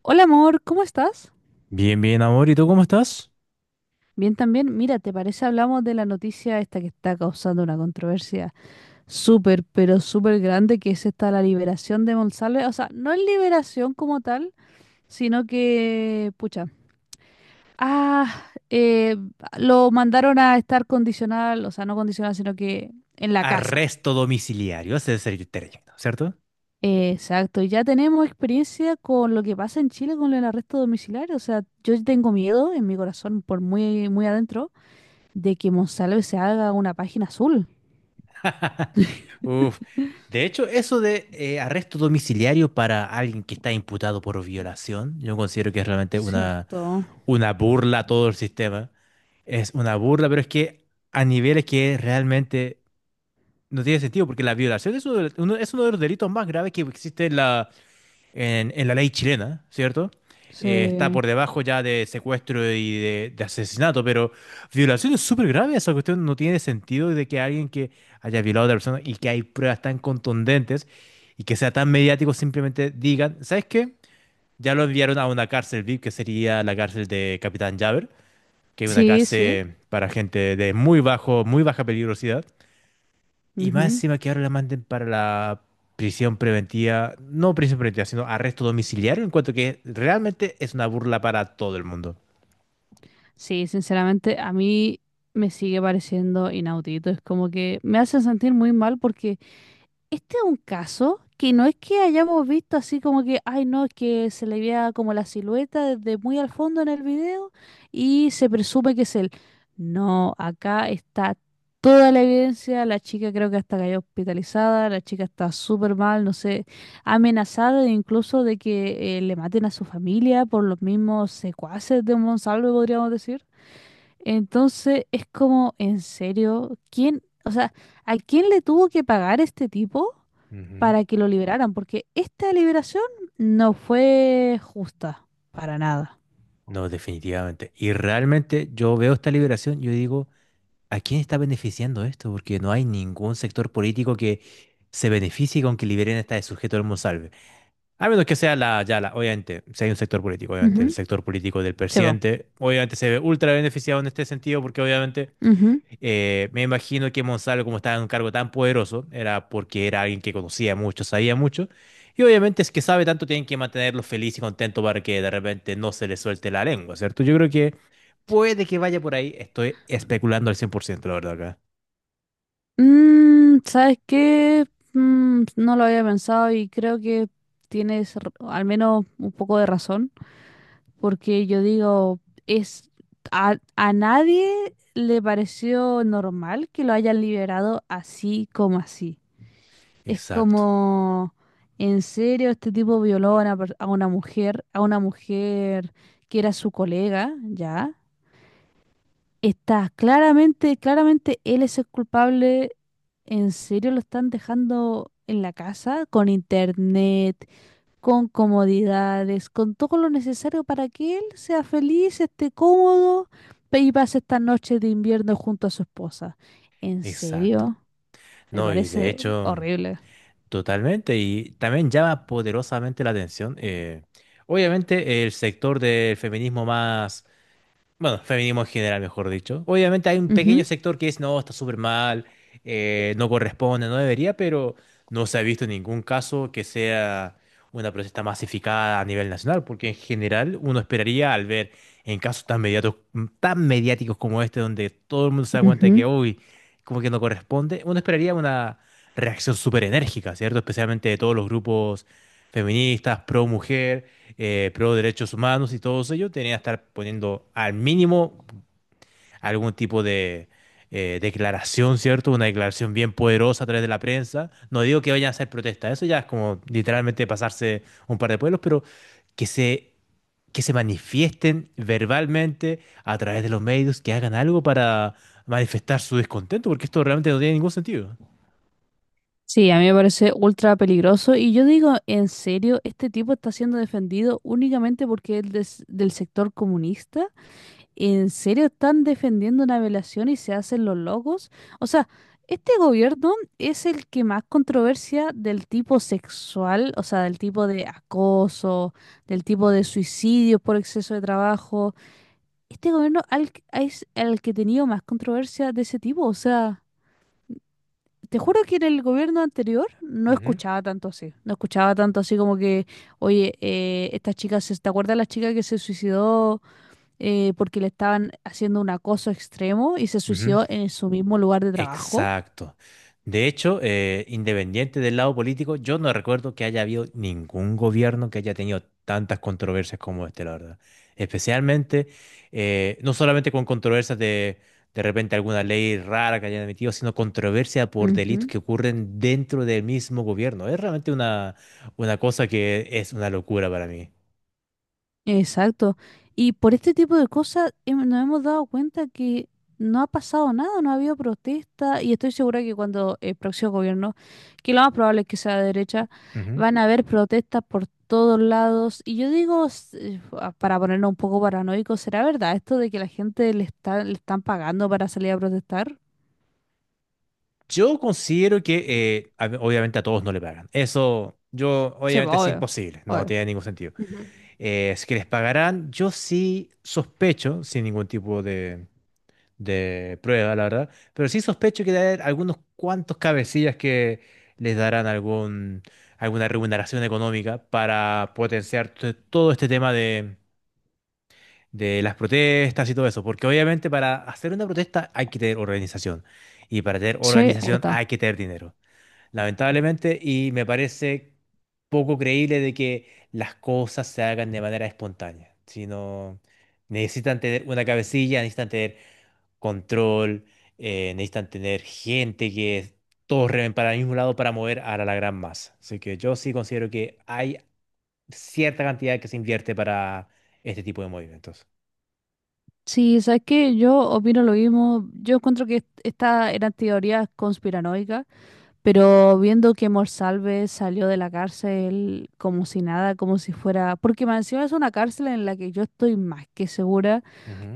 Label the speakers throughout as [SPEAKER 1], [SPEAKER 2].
[SPEAKER 1] Hola amor, ¿cómo estás?
[SPEAKER 2] Bien, bien, amor. ¿Y tú cómo estás?
[SPEAKER 1] Bien también. Mira, ¿te parece hablamos de la noticia esta que está causando una controversia súper, pero súper grande, que es esta la liberación de Monsalve? O sea, no es liberación como tal, sino que, pucha, ah, eh, lo mandaron a estar condicional, o sea, no condicional, sino que en la casa.
[SPEAKER 2] Arresto domiciliario, ese es el término, ¿cierto?
[SPEAKER 1] Exacto, y ya tenemos experiencia con lo que pasa en Chile con el arresto domiciliario. O sea, yo tengo miedo en mi corazón, por muy, muy adentro de que Monsalve se haga una página azul.
[SPEAKER 2] Uf. De hecho, eso de arresto domiciliario para alguien que está imputado por violación, yo considero que es realmente
[SPEAKER 1] Cierto.
[SPEAKER 2] una burla a todo el sistema. Es una burla, pero es que a niveles que realmente no tiene sentido, porque la violación es uno de, es uno de los delitos más graves que existe en la ley chilena, ¿cierto? Está
[SPEAKER 1] Sí.
[SPEAKER 2] por debajo ya de secuestro y de asesinato, pero violación es súper grave. Esa cuestión no tiene sentido de que alguien que haya violado a otra persona y que hay pruebas tan contundentes y que sea tan mediático simplemente digan, ¿sabes qué? Ya lo enviaron a una cárcel VIP que sería la cárcel de Capitán Javer, que es una
[SPEAKER 1] Sí, sí.
[SPEAKER 2] cárcel para gente de muy bajo, muy baja peligrosidad. Y más
[SPEAKER 1] Ujú.
[SPEAKER 2] encima que ahora la manden para la prisión preventiva, no prisión preventiva, sino arresto domiciliario, en cuanto que realmente es una burla para todo el mundo.
[SPEAKER 1] Sí, sinceramente, a mí me sigue pareciendo inaudito. Es como que me hace sentir muy mal porque este es un caso que no es que hayamos visto así como que, ay no, es que se le veía como la silueta desde muy al fondo en el video y se presume que es él. No, acá está toda la evidencia, la chica creo que hasta cayó hospitalizada, la chica está súper mal, no sé, amenazada e incluso de que le maten a su familia por los mismos secuaces de un Monsalve, podríamos decir. Entonces es como, ¿en serio? ¿Quién, o sea, a quién le tuvo que pagar este tipo
[SPEAKER 2] Ujú.
[SPEAKER 1] para que lo liberaran? Porque esta liberación no fue justa para nada.
[SPEAKER 2] No, definitivamente. Y realmente yo veo esta liberación, yo digo, ¿a quién está beneficiando esto? Porque no hay ningún sector político que se beneficie con que liberen a este sujeto del Monsalve. A menos que sea la, ya la, obviamente, si hay un sector político, obviamente, el
[SPEAKER 1] Ujú.
[SPEAKER 2] sector político del
[SPEAKER 1] Se va.
[SPEAKER 2] presidente, obviamente se ve ultra beneficiado en este sentido, porque obviamente.
[SPEAKER 1] Ujú.
[SPEAKER 2] Me imagino que Monsalvo, como estaba en un cargo tan poderoso, era porque era alguien que conocía mucho, sabía mucho. Y obviamente es que sabe tanto, tienen que mantenerlo feliz y contento para que de repente no se le suelte la lengua, ¿cierto? Yo creo que puede que vaya por ahí. Estoy especulando al cien por ciento la verdad, acá.
[SPEAKER 1] ¿Sabes qué? No lo había pensado y creo que tienes al menos un poco de razón, porque yo digo, es a nadie le pareció normal que lo hayan liberado así como así. Es
[SPEAKER 2] Exacto,
[SPEAKER 1] como, en serio, este tipo violó a una, a una mujer que era su colega, ¿ya? Está claramente, claramente él es el culpable. ¿En serio lo están dejando en la casa? Con internet, con comodidades, con todo lo necesario para que él sea feliz, esté cómodo y pase esta noche de invierno junto a su esposa. ¿En
[SPEAKER 2] exacto.
[SPEAKER 1] serio? Me
[SPEAKER 2] No, y de
[SPEAKER 1] parece
[SPEAKER 2] hecho,
[SPEAKER 1] horrible.
[SPEAKER 2] totalmente. Y también llama poderosamente la atención. Obviamente, el sector del feminismo más. Bueno, feminismo en general, mejor dicho. Obviamente hay un pequeño
[SPEAKER 1] Ujú,
[SPEAKER 2] sector que es, no, está súper mal, no corresponde, no debería, pero no se ha visto ningún caso que sea una protesta masificada a nivel nacional, porque en general uno esperaría al ver en casos tan mediáticos como este, donde todo el mundo se da cuenta de
[SPEAKER 1] ujú.
[SPEAKER 2] que, uy, como que no corresponde, uno esperaría una reacción súper enérgica, ¿cierto? Especialmente de todos los grupos feministas, pro mujer, pro derechos humanos y todos ellos, tenían que estar poniendo al mínimo algún tipo de declaración, ¿cierto? Una declaración bien poderosa a través de la prensa. No digo que vayan a hacer protesta, eso ya es como literalmente pasarse un par de pueblos, pero que se, que se manifiesten verbalmente a través de los medios, que hagan algo para manifestar su descontento, porque esto realmente no tiene ningún sentido.
[SPEAKER 1] Sí, a mí me parece ultra peligroso y yo digo, en serio, este tipo está siendo defendido únicamente porque es del sector comunista. ¿En serio están defendiendo una violación y se hacen los locos? O sea, este gobierno es el que más controversia del tipo sexual, o sea, del tipo de acoso, del tipo de
[SPEAKER 2] Ujú,
[SPEAKER 1] suicidio por exceso de trabajo. Este gobierno es el que ha tenido más controversia de ese tipo, o sea... Te juro que en el gobierno anterior no
[SPEAKER 2] ujú,
[SPEAKER 1] escuchaba tanto así. No escuchaba tanto así como que, oye, esta chica, se, ¿te acuerdas la chica que se suicidó porque le estaban haciendo un acoso extremo y se
[SPEAKER 2] ujú.
[SPEAKER 1] suicidó en su mismo lugar de trabajo?
[SPEAKER 2] Exacto. De hecho, independiente del lado político, yo no recuerdo que haya habido ningún gobierno que haya tenido tantas controversias como este, la verdad. Especialmente, no solamente con controversias de repente alguna ley rara que hayan emitido, sino controversia por delitos
[SPEAKER 1] Ujú.
[SPEAKER 2] que ocurren dentro del mismo gobierno. Es realmente una cosa que es una locura para mí.
[SPEAKER 1] Exacto. Y por este tipo de cosas nos hemos dado cuenta que no ha pasado nada, no ha habido protesta y estoy segura que cuando el próximo gobierno, que lo más probable es que sea de derecha, van a haber protestas por todos lados. Y yo digo, para ponernos un poco paranoicos, ¿será verdad esto de que la gente le está, le están pagando para salir a protestar?
[SPEAKER 2] Yo considero que obviamente a todos no le pagan. Eso, yo,
[SPEAKER 1] Sí, pues,
[SPEAKER 2] obviamente es
[SPEAKER 1] obvio,
[SPEAKER 2] imposible, no
[SPEAKER 1] obvio.
[SPEAKER 2] tiene ningún sentido.
[SPEAKER 1] Ujú.
[SPEAKER 2] Si que les pagarán, yo sí sospecho, sin ningún tipo de prueba, la verdad, pero sí sospecho que debe haber algunos cuantos cabecillas que les darán algún, alguna remuneración económica para potenciar todo este tema de las protestas y todo eso, porque obviamente para hacer una protesta hay que tener organización y para tener
[SPEAKER 1] Sí,
[SPEAKER 2] organización
[SPEAKER 1] harta.
[SPEAKER 2] hay que tener dinero lamentablemente, y me parece poco creíble de que las cosas se hagan de manera espontánea, sino necesitan tener una cabecilla, necesitan tener control, necesitan tener gente que todos remen para el mismo lado para mover a la, la gran masa. Así que yo sí considero que hay cierta cantidad que se invierte para este tipo de movimientos.
[SPEAKER 1] Sí, sabes que yo opino lo mismo. Yo encuentro que estas eran teorías conspiranoicas. Pero viendo que Morsalve salió de la cárcel como si nada, como si fuera... Porque más encima es una cárcel en la que yo estoy más que segura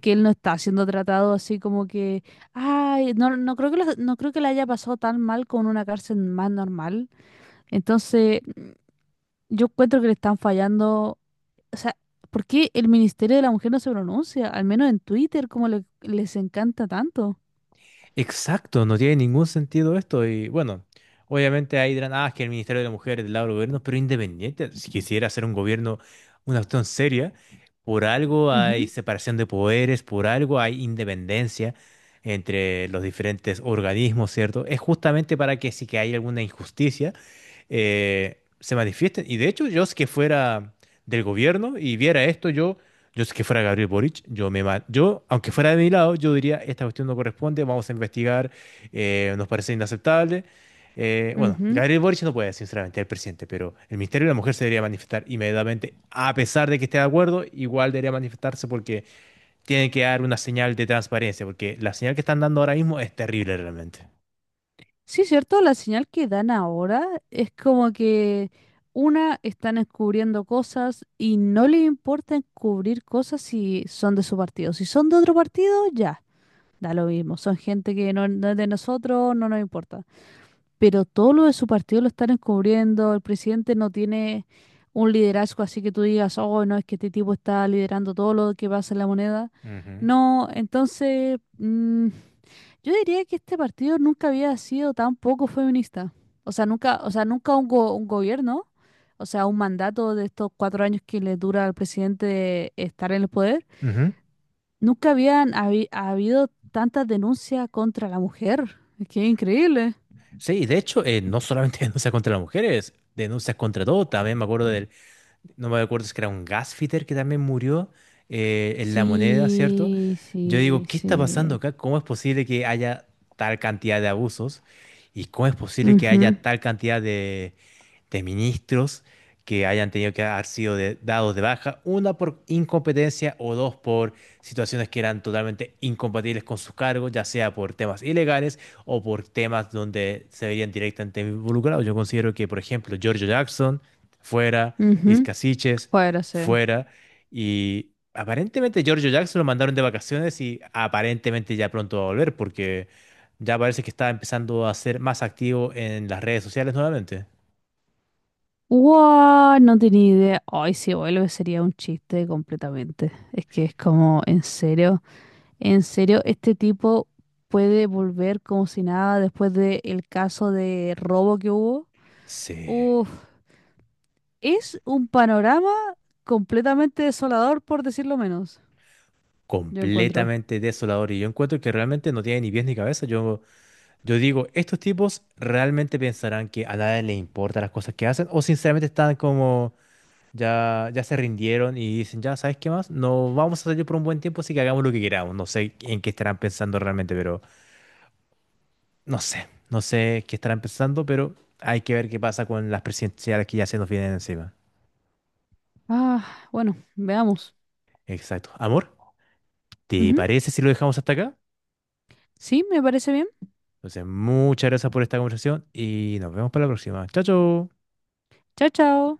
[SPEAKER 1] que él no está siendo tratado así como que... Ay, no, no creo que no creo que le haya pasado tan mal con una cárcel más normal. Entonces, yo encuentro que le están fallando... O sea, ¿por qué el Ministerio de la Mujer no se pronuncia? Al menos en Twitter, como les encanta tanto.
[SPEAKER 2] Exacto, no tiene ningún sentido esto. Y bueno, obviamente ahí dirán, ah, es que el Ministerio de la Mujer es del lado del gobierno, pero independiente, si quisiera hacer un gobierno, una acción seria, por algo hay
[SPEAKER 1] Ujú,
[SPEAKER 2] separación de poderes, por algo hay independencia entre los diferentes organismos, ¿cierto? Es justamente para que si que hay alguna injusticia se manifiesten. Y de hecho, yo si que fuera del gobierno y viera esto, yo si que fuera Gabriel Boric, yo, aunque fuera de mi lado, yo diría, esta cuestión no corresponde, vamos a investigar, nos parece inaceptable. Bueno,
[SPEAKER 1] ujú.
[SPEAKER 2] Gabriel Boric no puede, sinceramente, el presidente, pero el Ministerio de la Mujer se debería manifestar inmediatamente, a pesar de que esté de acuerdo, igual debería manifestarse porque tienen que dar una señal de transparencia, porque la señal que están dando ahora mismo es terrible realmente.
[SPEAKER 1] Sí, cierto, la señal que dan ahora es como que una están encubriendo cosas y no les importa encubrir cosas si son de su partido. Si son de otro partido, ya, da lo mismo. Son gente que no, no es de nosotros, no nos importa, pero todo lo de su partido lo están encubriendo, el presidente no tiene un liderazgo así que tú digas, oh, no, es que este tipo está liderando todo lo que pasa en La Moneda.
[SPEAKER 2] Ujú.
[SPEAKER 1] No, entonces, yo diría que este partido nunca había sido tan poco feminista. O sea, nunca un, un gobierno, o sea, un mandato de estos 4 años que le dura al presidente estar en el poder,
[SPEAKER 2] Ujú.
[SPEAKER 1] nunca habían habido tantas denuncias contra la mujer. Es que es increíble.
[SPEAKER 2] Sí, de hecho, no solamente denuncias contra las mujeres, denuncias contra todo. También me acuerdo del, no me acuerdo si era un gasfitter que también murió en La Moneda, ¿cierto?
[SPEAKER 1] Sí,
[SPEAKER 2] Yo digo,
[SPEAKER 1] sí,
[SPEAKER 2] ¿qué está pasando
[SPEAKER 1] sí.
[SPEAKER 2] acá? ¿Cómo es posible que haya tal cantidad de abusos? ¿Y cómo es posible que haya tal cantidad de ministros que hayan tenido que haber sido dados de baja, una por incompetencia o dos por situaciones que eran totalmente incompatibles con sus cargos, ya sea por temas ilegales o por temas donde se verían directamente involucrados? Yo considero que, por ejemplo, Giorgio Jackson fuera,
[SPEAKER 1] Ujú, ujú.
[SPEAKER 2] Iscasiches
[SPEAKER 1] Fuera, sí.
[SPEAKER 2] fuera, y aparentemente Giorgio Jackson lo mandaron de vacaciones y aparentemente ya pronto va a volver porque ya parece que está empezando a ser más activo en las redes sociales nuevamente.
[SPEAKER 1] ¡Wow! No tenía idea. Ay, si vuelve sería un chiste completamente. Es que es como, en serio, este tipo puede volver como si nada después del caso de robo que hubo.
[SPEAKER 2] Sí,
[SPEAKER 1] Uf, es un panorama completamente desolador, por decirlo menos, yo encuentro.
[SPEAKER 2] completamente desolador. Y yo encuentro que realmente no tiene ni pies ni cabeza. Yo digo, estos tipos realmente pensarán que a nadie les importa las cosas que hacen, o sinceramente están como ya, ya se rindieron y dicen, ya, ¿sabes qué más? No vamos a salir por un buen tiempo, así que hagamos lo que queramos. No sé en qué estarán pensando realmente, pero no sé, no sé qué estarán pensando, pero hay que ver qué pasa con las presidenciales que ya se nos vienen encima.
[SPEAKER 1] Ah, bueno, veamos.
[SPEAKER 2] Exacto. Amor, ¿te
[SPEAKER 1] Ujú.
[SPEAKER 2] parece si lo dejamos hasta acá?
[SPEAKER 1] Sí, me parece bien.
[SPEAKER 2] Entonces, muchas gracias por esta conversación y nos vemos para la próxima. Chao, chao.
[SPEAKER 1] Chao, chao.